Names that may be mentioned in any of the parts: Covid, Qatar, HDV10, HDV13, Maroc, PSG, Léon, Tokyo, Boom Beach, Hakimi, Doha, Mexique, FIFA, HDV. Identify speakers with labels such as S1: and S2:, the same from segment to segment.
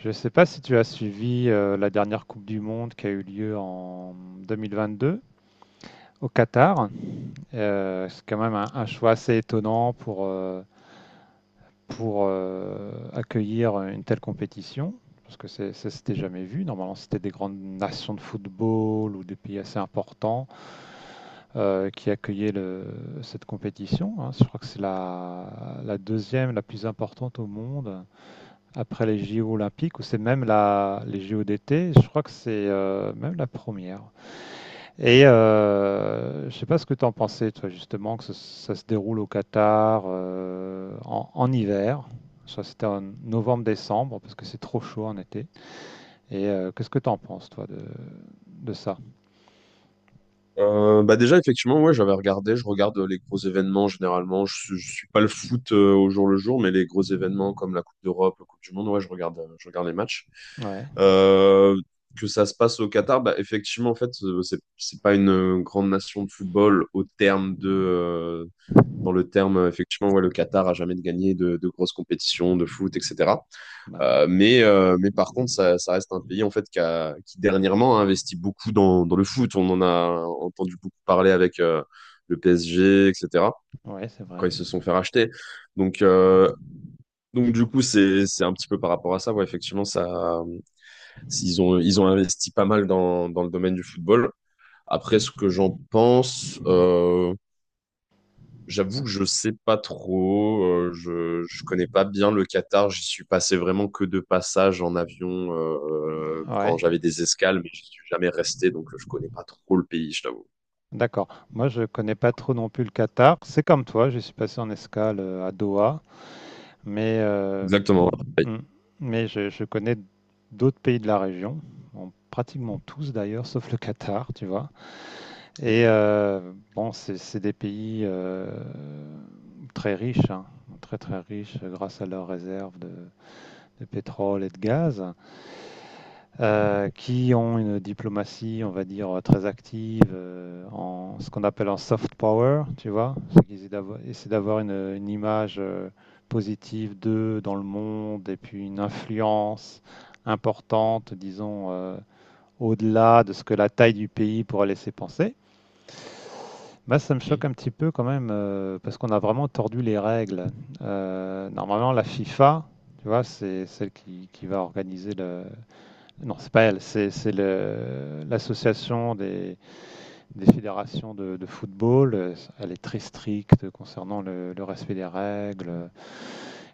S1: Je ne sais pas si tu as suivi la dernière Coupe du Monde qui a eu lieu en 2022 au Qatar. C'est quand même un choix assez étonnant pour accueillir une telle compétition, parce que ça s'était jamais vu. Normalement, c'était des grandes nations de football ou des pays assez importants qui accueillaient cette compétition, hein. Je crois que c'est la deuxième, la plus importante au monde, après les JO olympiques, ou c'est même les JO d'été, je crois que c'est même la première. Je sais pas ce que tu en pensais, toi, justement, que ça, se déroule au Qatar en, en hiver. Je crois que c'était en novembre-décembre, parce que c'est trop chaud en été. Qu'est-ce que tu en penses, toi, de ça?
S2: Bah déjà, effectivement, ouais, j'avais regardé, je regarde les gros événements généralement. Je suis pas le foot au jour le jour, mais les gros événements comme la Coupe d'Europe, la Coupe du Monde, ouais, je regarde les matchs.
S1: Ouais.
S2: Euh, que ça se passe au Qatar, bah effectivement, en fait, c'est pas une grande nation de football au terme de, dans le terme, effectivement, ouais, le Qatar a jamais gagné de grosses compétitions de foot, etc.
S1: Bah non.
S2: Mais par contre, ça reste un pays en fait qui dernièrement a investi beaucoup dans le foot. On en a entendu beaucoup parler avec le PSG, etc.
S1: Ouais, c'est vrai.
S2: Quand ils se sont fait racheter. Donc, euh, donc du coup, c'est un petit peu par rapport à ça. Ouais, effectivement, ça, ils ont investi pas mal dans le domaine du football. Après, ce que j'en pense, j'avoue
S1: Ouais.
S2: que je sais pas trop, je connais pas bien le Qatar, j'y suis passé vraiment que de passage en avion quand
S1: Ouais.
S2: j'avais des escales, mais j'y suis jamais resté, donc je connais pas trop le pays, je t'avoue.
S1: D'accord. Moi, je connais pas trop non plus le Qatar. C'est comme toi, je suis passé en escale à Doha, mais
S2: Exactement. Pareil.
S1: Mm. Mais je connais d'autres pays de la région, en pratiquement tous d'ailleurs, sauf le Qatar, tu vois. Bon, c'est des pays très riches, hein, très très riches grâce à leurs réserves de pétrole et de gaz qui ont une diplomatie, on va dire, très active en ce qu'on appelle en soft power, tu vois. C'est d'avoir une image positive d'eux dans le monde et puis une influence importante, disons, au-delà de ce que la taille du pays pourrait laisser penser. Bah, ça me choque un
S2: Mhm.
S1: petit peu quand même parce qu'on a vraiment tordu les règles. Normalement, la FIFA, tu vois, c'est celle qui va organiser non, c'est pas elle, c'est l'association des fédérations de football. Elle est très stricte concernant le respect des règles.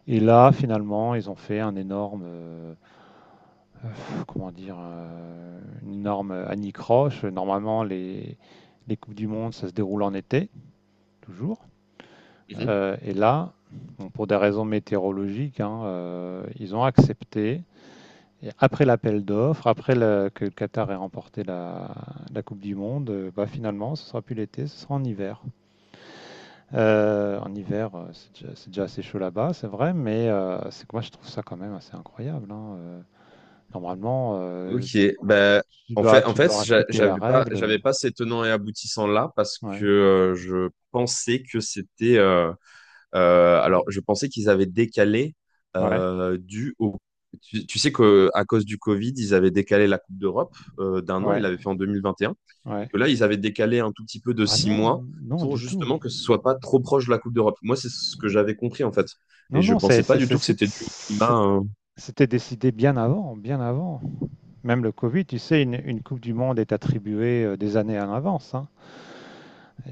S1: Et là, finalement, ils ont fait un énorme, comment dire, une énorme anicroche. Normalement, les Coupes du Monde, ça se déroule en été, toujours.
S2: Mhm.
S1: Et là, bon, pour des raisons météorologiques, hein, ils ont accepté. Et après l'appel d'offres, après que le Qatar ait remporté la Coupe du Monde, bah finalement, ce sera plus l'été, ce sera en hiver. En hiver, c'est déjà assez chaud là-bas, c'est vrai, mais c'est que moi, je trouve ça quand même assez incroyable, hein. Normalement,
S2: Ok, ben en fait,
S1: tu dois respecter la règle.
S2: j'avais pas ces tenants et aboutissants là parce que
S1: Ouais,
S2: je pensais que c'était. Alors, je pensais qu'ils avaient décalé
S1: ouais,
S2: dû au. Tu sais qu'à cause du Covid, ils avaient décalé la Coupe d'Europe d'un an, ils
S1: ouais,
S2: l'avaient fait en 2021, et
S1: ouais.
S2: que là, ils avaient décalé un tout petit peu de
S1: Ah
S2: six
S1: non,
S2: mois
S1: non,
S2: pour
S1: du tout.
S2: justement que ce soit pas trop proche de la Coupe d'Europe. Moi, c'est ce que j'avais compris en fait,
S1: Non,
S2: et je
S1: non,
S2: pensais pas du tout que c'était dû au
S1: c'est
S2: climat.
S1: c'était décidé bien avant, bien avant. Même le Covid, tu sais, une Coupe du Monde est attribuée des années à l'avance, hein.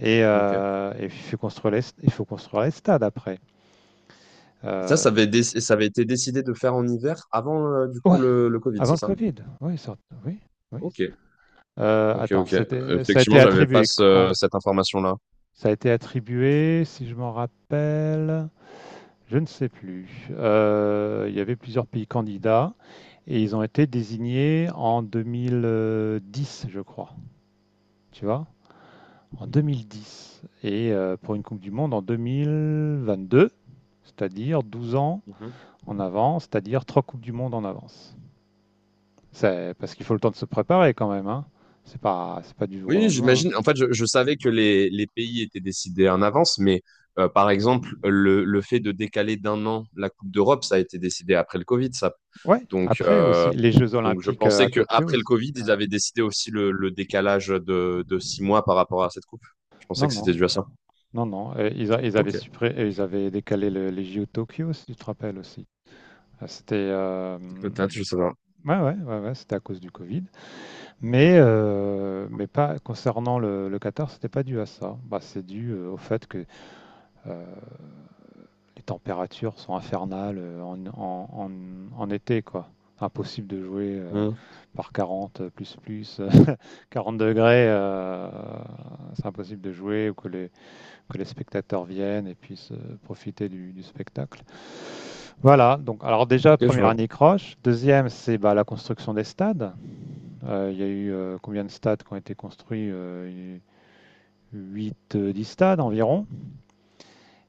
S2: Ok. Et
S1: Et il faut construire il faut construire les stades après.
S2: Ça,
S1: Euh,
S2: ça avait été décidé de faire en hiver avant du coup
S1: ouais,
S2: le Covid,
S1: avant
S2: c'est
S1: le
S2: ça?
S1: Covid. Oui, oui, oui.
S2: Ok, ok,
S1: Attends,
S2: ok.
S1: c'était, ça a été
S2: Effectivement, j'avais pas
S1: attribué quand?
S2: cette information-là.
S1: Ça a été attribué, si je m'en rappelle, je ne sais plus. Il y avait plusieurs pays candidats et ils ont été désignés en 2010, je crois. Tu vois? En 2010 et pour une Coupe du Monde en 2022, c'est-à-dire 12 ans en avance, c'est-à-dire trois Coupes du Monde en avance. C'est parce qu'il faut le temps de se préparer quand même, hein. C'est pas du jour au
S2: Oui,
S1: lendemain, hein.
S2: j'imagine. En fait, je savais que les pays étaient décidés en avance, mais par exemple, le fait de décaler d'un an la Coupe d'Europe, ça a été décidé après le Covid, ça.
S1: Ouais,
S2: Donc,
S1: après aussi,
S2: euh,
S1: les Jeux
S2: donc je
S1: Olympiques
S2: pensais
S1: à
S2: que
S1: Tokyo,
S2: après le
S1: c'est...
S2: Covid, ils
S1: ouais.
S2: avaient décidé aussi le décalage de 6 mois par rapport à cette coupe. Je
S1: Non,
S2: pensais que c'était
S1: non,
S2: dû à ça.
S1: non, non. euh, Ils, a- ils avaient
S2: Ok,
S1: suppré- euh, ils avaient décalé les JO de Tokyo, si tu te rappelles aussi. Ah, c'était...
S2: peut-être, je sais pas.
S1: Ouais, ouais, ouais, ouais, c'était à cause du Covid. Mais pas concernant le Qatar, c'était pas dû à ça. Bah, c'est dû au fait que euh, les températures sont infernales en été, quoi. Impossible de jouer
S2: Hmm,
S1: par 40 plus plus 40 degrés, c'est impossible de jouer ou que que les spectateurs viennent et puissent profiter du spectacle. Voilà. Donc, alors déjà
S2: ok, je
S1: première
S2: vois.
S1: année croche. Deuxième, c'est bah, la construction des stades. Il y a eu combien de stades qui ont été construits 8, stades environ.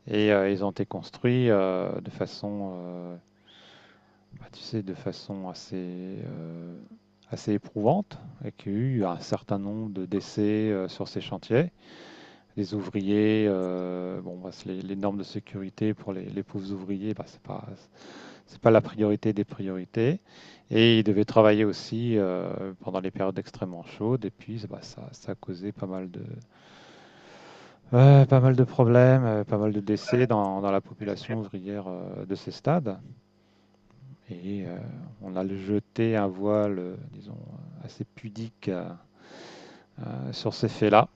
S1: Ils ont été construits de façon, bah, tu sais, de façon assez, euh, assez éprouvante. Et qu'il y a eu un certain nombre de décès sur ces chantiers. Les ouvriers, bon, bah, les normes de sécurité pour les pauvres ouvriers, bah, c'est pas, c'est pas la priorité des priorités. Et il devait travailler aussi pendant les périodes extrêmement chaudes. Et puis, bah, ça a causé pas mal de, pas mal de problèmes, pas mal de décès dans la population ouvrière de ces stades. Et euh, on a jeté un voile, disons, assez pudique sur ces faits-là.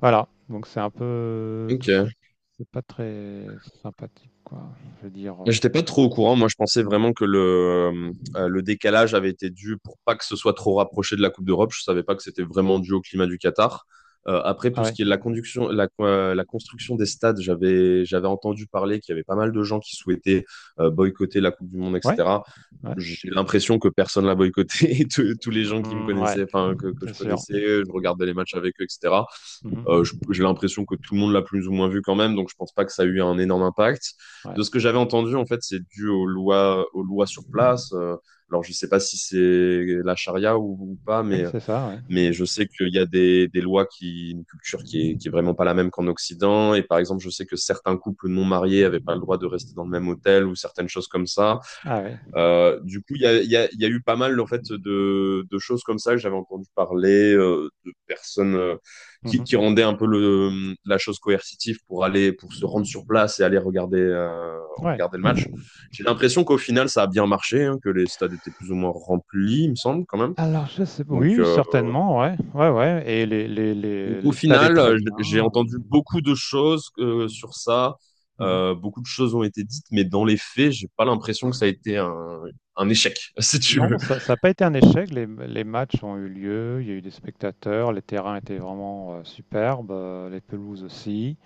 S1: Voilà. Donc, c'est un peu tout ça.
S2: Ok.
S1: C'est pas très sympathique, quoi. Je veux dire.
S2: J'étais pas trop au courant. Moi, je pensais
S1: Mm.
S2: vraiment que le décalage avait été dû pour pas que ce soit trop rapproché de la Coupe d'Europe. Je savais pas que c'était vraiment dû au climat du Qatar. Après,
S1: Ah
S2: pour ce
S1: ouais,
S2: qui est de la conduction, la construction des stades, j'avais entendu parler qu'il y avait pas mal de gens qui souhaitaient boycotter la Coupe du Monde,
S1: ouais,
S2: etc.
S1: ouais,
S2: J'ai l'impression que personne l'a boycotté. Tous les gens qui me
S1: Mm, ouais,
S2: connaissaient, enfin, que
S1: c'est
S2: je
S1: sûr.
S2: connaissais, je regardais les matchs avec eux, etc.
S1: Mmh.
S2: Euh, J'ai l'impression que tout le monde l'a plus ou moins vu quand même, donc je pense pas que ça a eu un énorme impact.
S1: Ouais.
S2: De ce que j'avais entendu, en fait, c'est dû aux lois sur place. Alors, je sais pas si c'est la charia ou pas,
S1: Oui,
S2: mais,
S1: c'est ça, ouais.
S2: mais je sais qu'il y a des lois qui, une culture qui est vraiment pas la même qu'en Occident. Et par exemple, je sais que certains couples non mariés avaient pas le droit de rester dans le même hôtel ou certaines choses comme ça.
S1: Ah oui.
S2: Du coup, il y a eu pas mal en fait de choses comme ça que j'avais entendu parler de personnes qui,
S1: Mmh.
S2: qui rendaient un peu la chose coercitive pour aller pour se rendre sur place et aller regarder euh,
S1: Ouais.
S2: regarder le match. J'ai l'impression qu'au final, ça a bien marché, hein, que les stades étaient plus ou moins remplis, il me semble quand même.
S1: Alors je sais
S2: Donc,
S1: oui,
S2: euh,
S1: certainement, ouais. Ouais, ouais, et
S2: donc au
S1: les stades est
S2: final,
S1: très bien,
S2: j'ai
S1: heu,
S2: entendu beaucoup de choses sur
S1: mmh.
S2: ça.
S1: Mmh.
S2: Beaucoup de choses ont été dites, mais dans les faits, j'ai pas l'impression que ça a été un échec, si tu
S1: Non,
S2: veux.
S1: ça ça a pas été un échec, les matchs ont eu lieu, il y a eu des spectateurs, les terrains étaient vraiment, superbes, les pelouses aussi.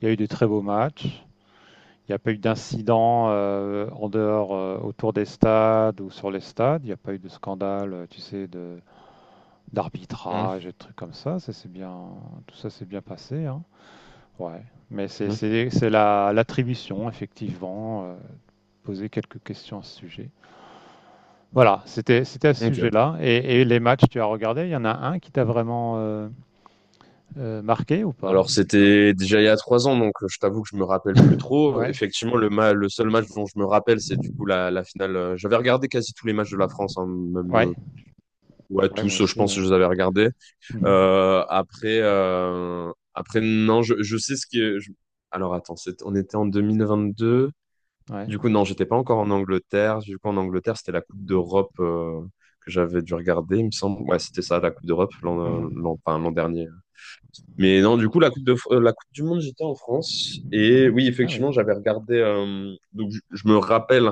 S1: Il y a eu de très beaux matchs. Il n'y a pas eu d'incident, en dehors, autour des stades ou sur les stades. Il n'y a pas eu de scandale, tu sais de d'arbitrage et de trucs comme ça. Ça c'est bien, tout ça s'est bien passé, hein. Ouais. Mais
S2: Mhm.
S1: c'est l'attribution, effectivement, poser quelques questions à ce sujet. Voilà, c'était c'était à ce
S2: Ok.
S1: sujet-là. Et les matchs, tu as regardé, il y en a un qui t'a vraiment marqué ou pas?
S2: Alors c'était déjà il y a 3 ans, donc je t'avoue que je me rappelle plus trop.
S1: Ouais,
S2: Effectivement, le seul match dont je me rappelle, c'est du coup la finale. J'avais regardé quasi tous les matchs de la France, hein, même
S1: ouais,
S2: ouais
S1: ouais, moi
S2: tous, je
S1: aussi,
S2: pense que
S1: ouais.
S2: je les avais regardés.
S1: Mhm.
S2: Après non, je sais ce qui. Est- je- Alors attends, on était en 2022.
S1: Ouais.
S2: Du coup non, j'étais pas encore en Angleterre. Du coup en Angleterre, c'était la Coupe d'Europe que j'avais dû regarder, il me semble. Ouais, c'était ça, la Coupe d'Europe
S1: Mhm.
S2: l'an dernier. Mais non, du coup, la Coupe du Monde, j'étais en France. Et
S1: Mhm.
S2: oui,
S1: Ah oui,
S2: effectivement, j'avais regardé. Donc, je me rappelle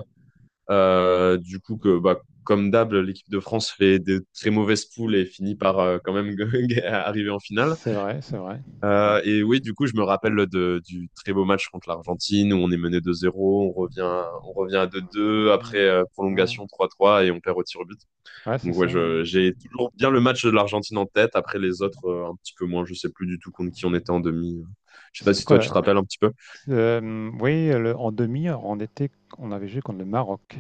S2: du coup que, bah, comme d'hab, l'équipe de France fait des très mauvaises poules et finit par quand même arriver en finale.
S1: c'est vrai, c'est vrai. Ouais.
S2: Et oui, du coup, je me rappelle du très beau match contre l'Argentine où on est mené 2 zéro, on revient à deux 2 après
S1: Mhm. Ouais,
S2: prolongation 3-3 et on perd au tir au but.
S1: Ouais, c'est
S2: Donc ouais,
S1: ça, ouais.
S2: j'ai toujours bien le match de l'Argentine en tête. Après les autres, un petit peu moins. Je sais plus du tout contre qui on était en demi. Je sais pas
S1: C'était
S2: si toi tu
S1: quoi?
S2: te rappelles un petit peu.
S1: Hem, oui, le en demi, on était on avait joué contre le Maroc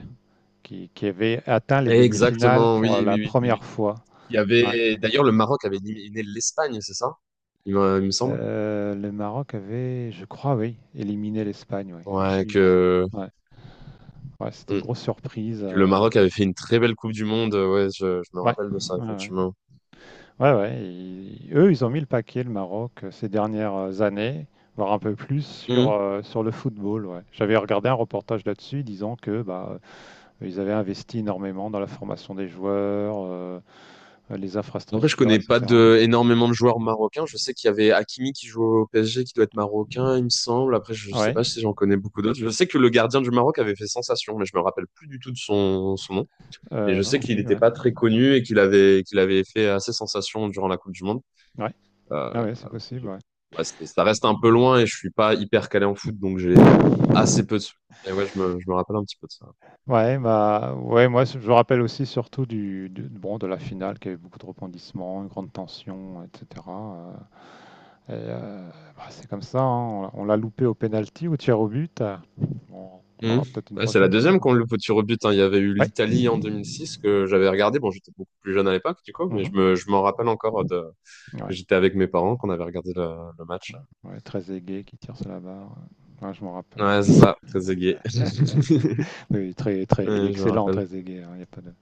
S1: qui avait atteint les demi-finales
S2: Exactement, oui,
S1: pour la
S2: oui, oui, oui,
S1: première
S2: oui.
S1: fois.
S2: Il y
S1: Ouais.
S2: avait d'ailleurs le Maroc avait éliminé l'Espagne, c'est ça? Il me semble.
S1: Le Maroc avait, je crois, oui, éliminé l'Espagne, oui,
S2: Ouais,
S1: absolument. Ouais, ouais, c'était une
S2: mm,
S1: grosse surprise,
S2: que le Maroc avait fait une très belle Coupe du Monde. Ouais, je me
S1: ouais,
S2: rappelle de ça
S1: ouais, ouais.
S2: effectivement.
S1: Ouais, ouais, i eux, ils ont mis le paquet, le Maroc, ces dernières années, voire un peu plus sur, sur le football, ouais. J'avais regardé un reportage là-dessus disant que, bah, ils avaient investi énormément dans la formation des joueurs, les
S2: En vrai, je
S1: infrastructures,
S2: connais pas
S1: etc.
S2: énormément de joueurs marocains. Je sais qu'il y avait Hakimi qui joue au PSG, qui doit être marocain, il me semble. Après, je sais
S1: Ouais,
S2: pas si j'en connais beaucoup d'autres. Je sais que le gardien du Maroc avait fait sensation, mais je me rappelle plus du tout de son nom. Mais je
S1: moi
S2: sais
S1: non
S2: qu'il
S1: plus,
S2: n'était
S1: ouais.
S2: pas très connu et qu'il avait fait assez sensation durant la Coupe du Monde.
S1: Ouais,
S2: Euh,
S1: ah ouais, c'est
S2: je-
S1: possible, ouais.
S2: ouais, ça reste un peu loin et je suis pas hyper calé en foot, donc j'ai assez peu de. Souvenirs. Mais ouais, je me rappelle un petit peu de ça.
S1: Ouais, bah, ouais, moi je me rappelle aussi surtout bon, de la finale qui avait beaucoup de rebondissements, une grande tension, etc. euh, et, euh, Bah, c'est comme ça, hein, on l'a loupé au penalty, au tir au but. Bon, on
S2: Mhm.
S1: l'aura peut-être une
S2: Ouais, c'est la
S1: prochaine fois,
S2: deuxième
S1: quoi.
S2: qu'on le faut tirer au but, hein. Il y avait eu
S1: Ouais,
S2: l'Italie en 2006 que j'avais regardé. Bon, j'étais beaucoup plus jeune à l'époque, du coup, mais
S1: mhm,
S2: je m'en rappelle encore que
S1: ouais,
S2: j'étais avec mes parents, qu'on avait regardé le match.
S1: ouais, très aigué qui tire sur la barre. Ouais, je me rappelle.
S2: Ouais, c'est ça, très égayé.
S1: Oui, très, très, il est
S2: Ouais, je me
S1: excellent,
S2: rappelle.
S1: très égay, hein, il n'y a pas de,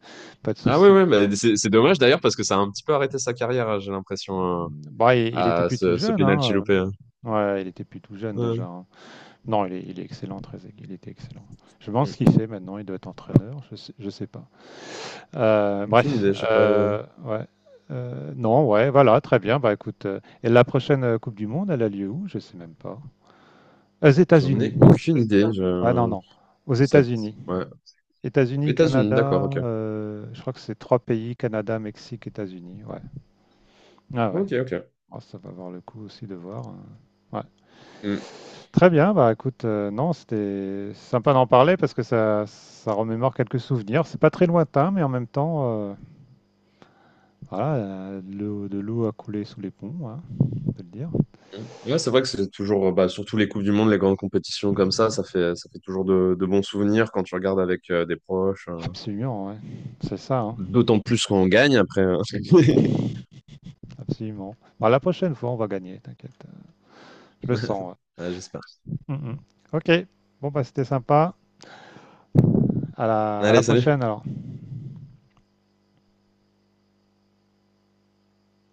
S1: pas de
S2: Ah oui,
S1: souci.
S2: oui, mais c'est dommage d'ailleurs parce que ça a un petit peu arrêté sa carrière, hein, j'ai l'impression,
S1: Bah, il était
S2: à
S1: plus tout
S2: ce
S1: jeune, hein.
S2: penalty loupé, hein.
S1: Ouais, il était plus tout jeune
S2: Ouais.
S1: déjà, hein. Non, il est excellent, très égay, il était excellent. Je pense
S2: Mhm.
S1: ce qu'il fait maintenant, il doit être entraîneur, je sais pas. Euh, bref,
S2: Aucune idée, je sais pas.
S1: ouais. Non, ouais, voilà, très bien. Bah écoute, et la prochaine Coupe du Monde, elle a lieu où? Je sais même pas. Aux
S2: J'en
S1: États-Unis.
S2: ai aucune idée.
S1: Ah non,
S2: Je...
S1: non. Aux
S2: Ça...
S1: États-Unis.
S2: Ouais.
S1: États-Unis,
S2: États-Unis, d'accord,
S1: Canada,
S2: ok.
S1: je crois que c'est trois pays, Canada, Mexique, États-Unis. Ouais. Ah ouais,
S2: Ok, ok.
S1: oh, ça va avoir le coup aussi de voir, ouais. Très bien, bah écoute, non, c'était sympa d'en parler parce que ça remémore quelques souvenirs. C'est pas très lointain, mais en même temps, euh, voilà, de l'eau a coulé sous les ponts, hein, on peut le dire.
S2: Mm. Ouais, c'est vrai que c'est toujours, bah, surtout les Coupes du Monde, les grandes compétitions comme ça, ça fait toujours de bons souvenirs quand tu regardes avec des proches.
S1: Absolument, ouais. C'est ça, hein,
S2: D'autant plus quand on gagne après.
S1: absolument. Bah, la prochaine fois, on va gagner, t'inquiète. Je le sens.
S2: Ouais, j'espère.
S1: Ouais. Mm, mm. Ok, bon, bah c'était sympa. À la
S2: Allez, salut.
S1: prochaine alors.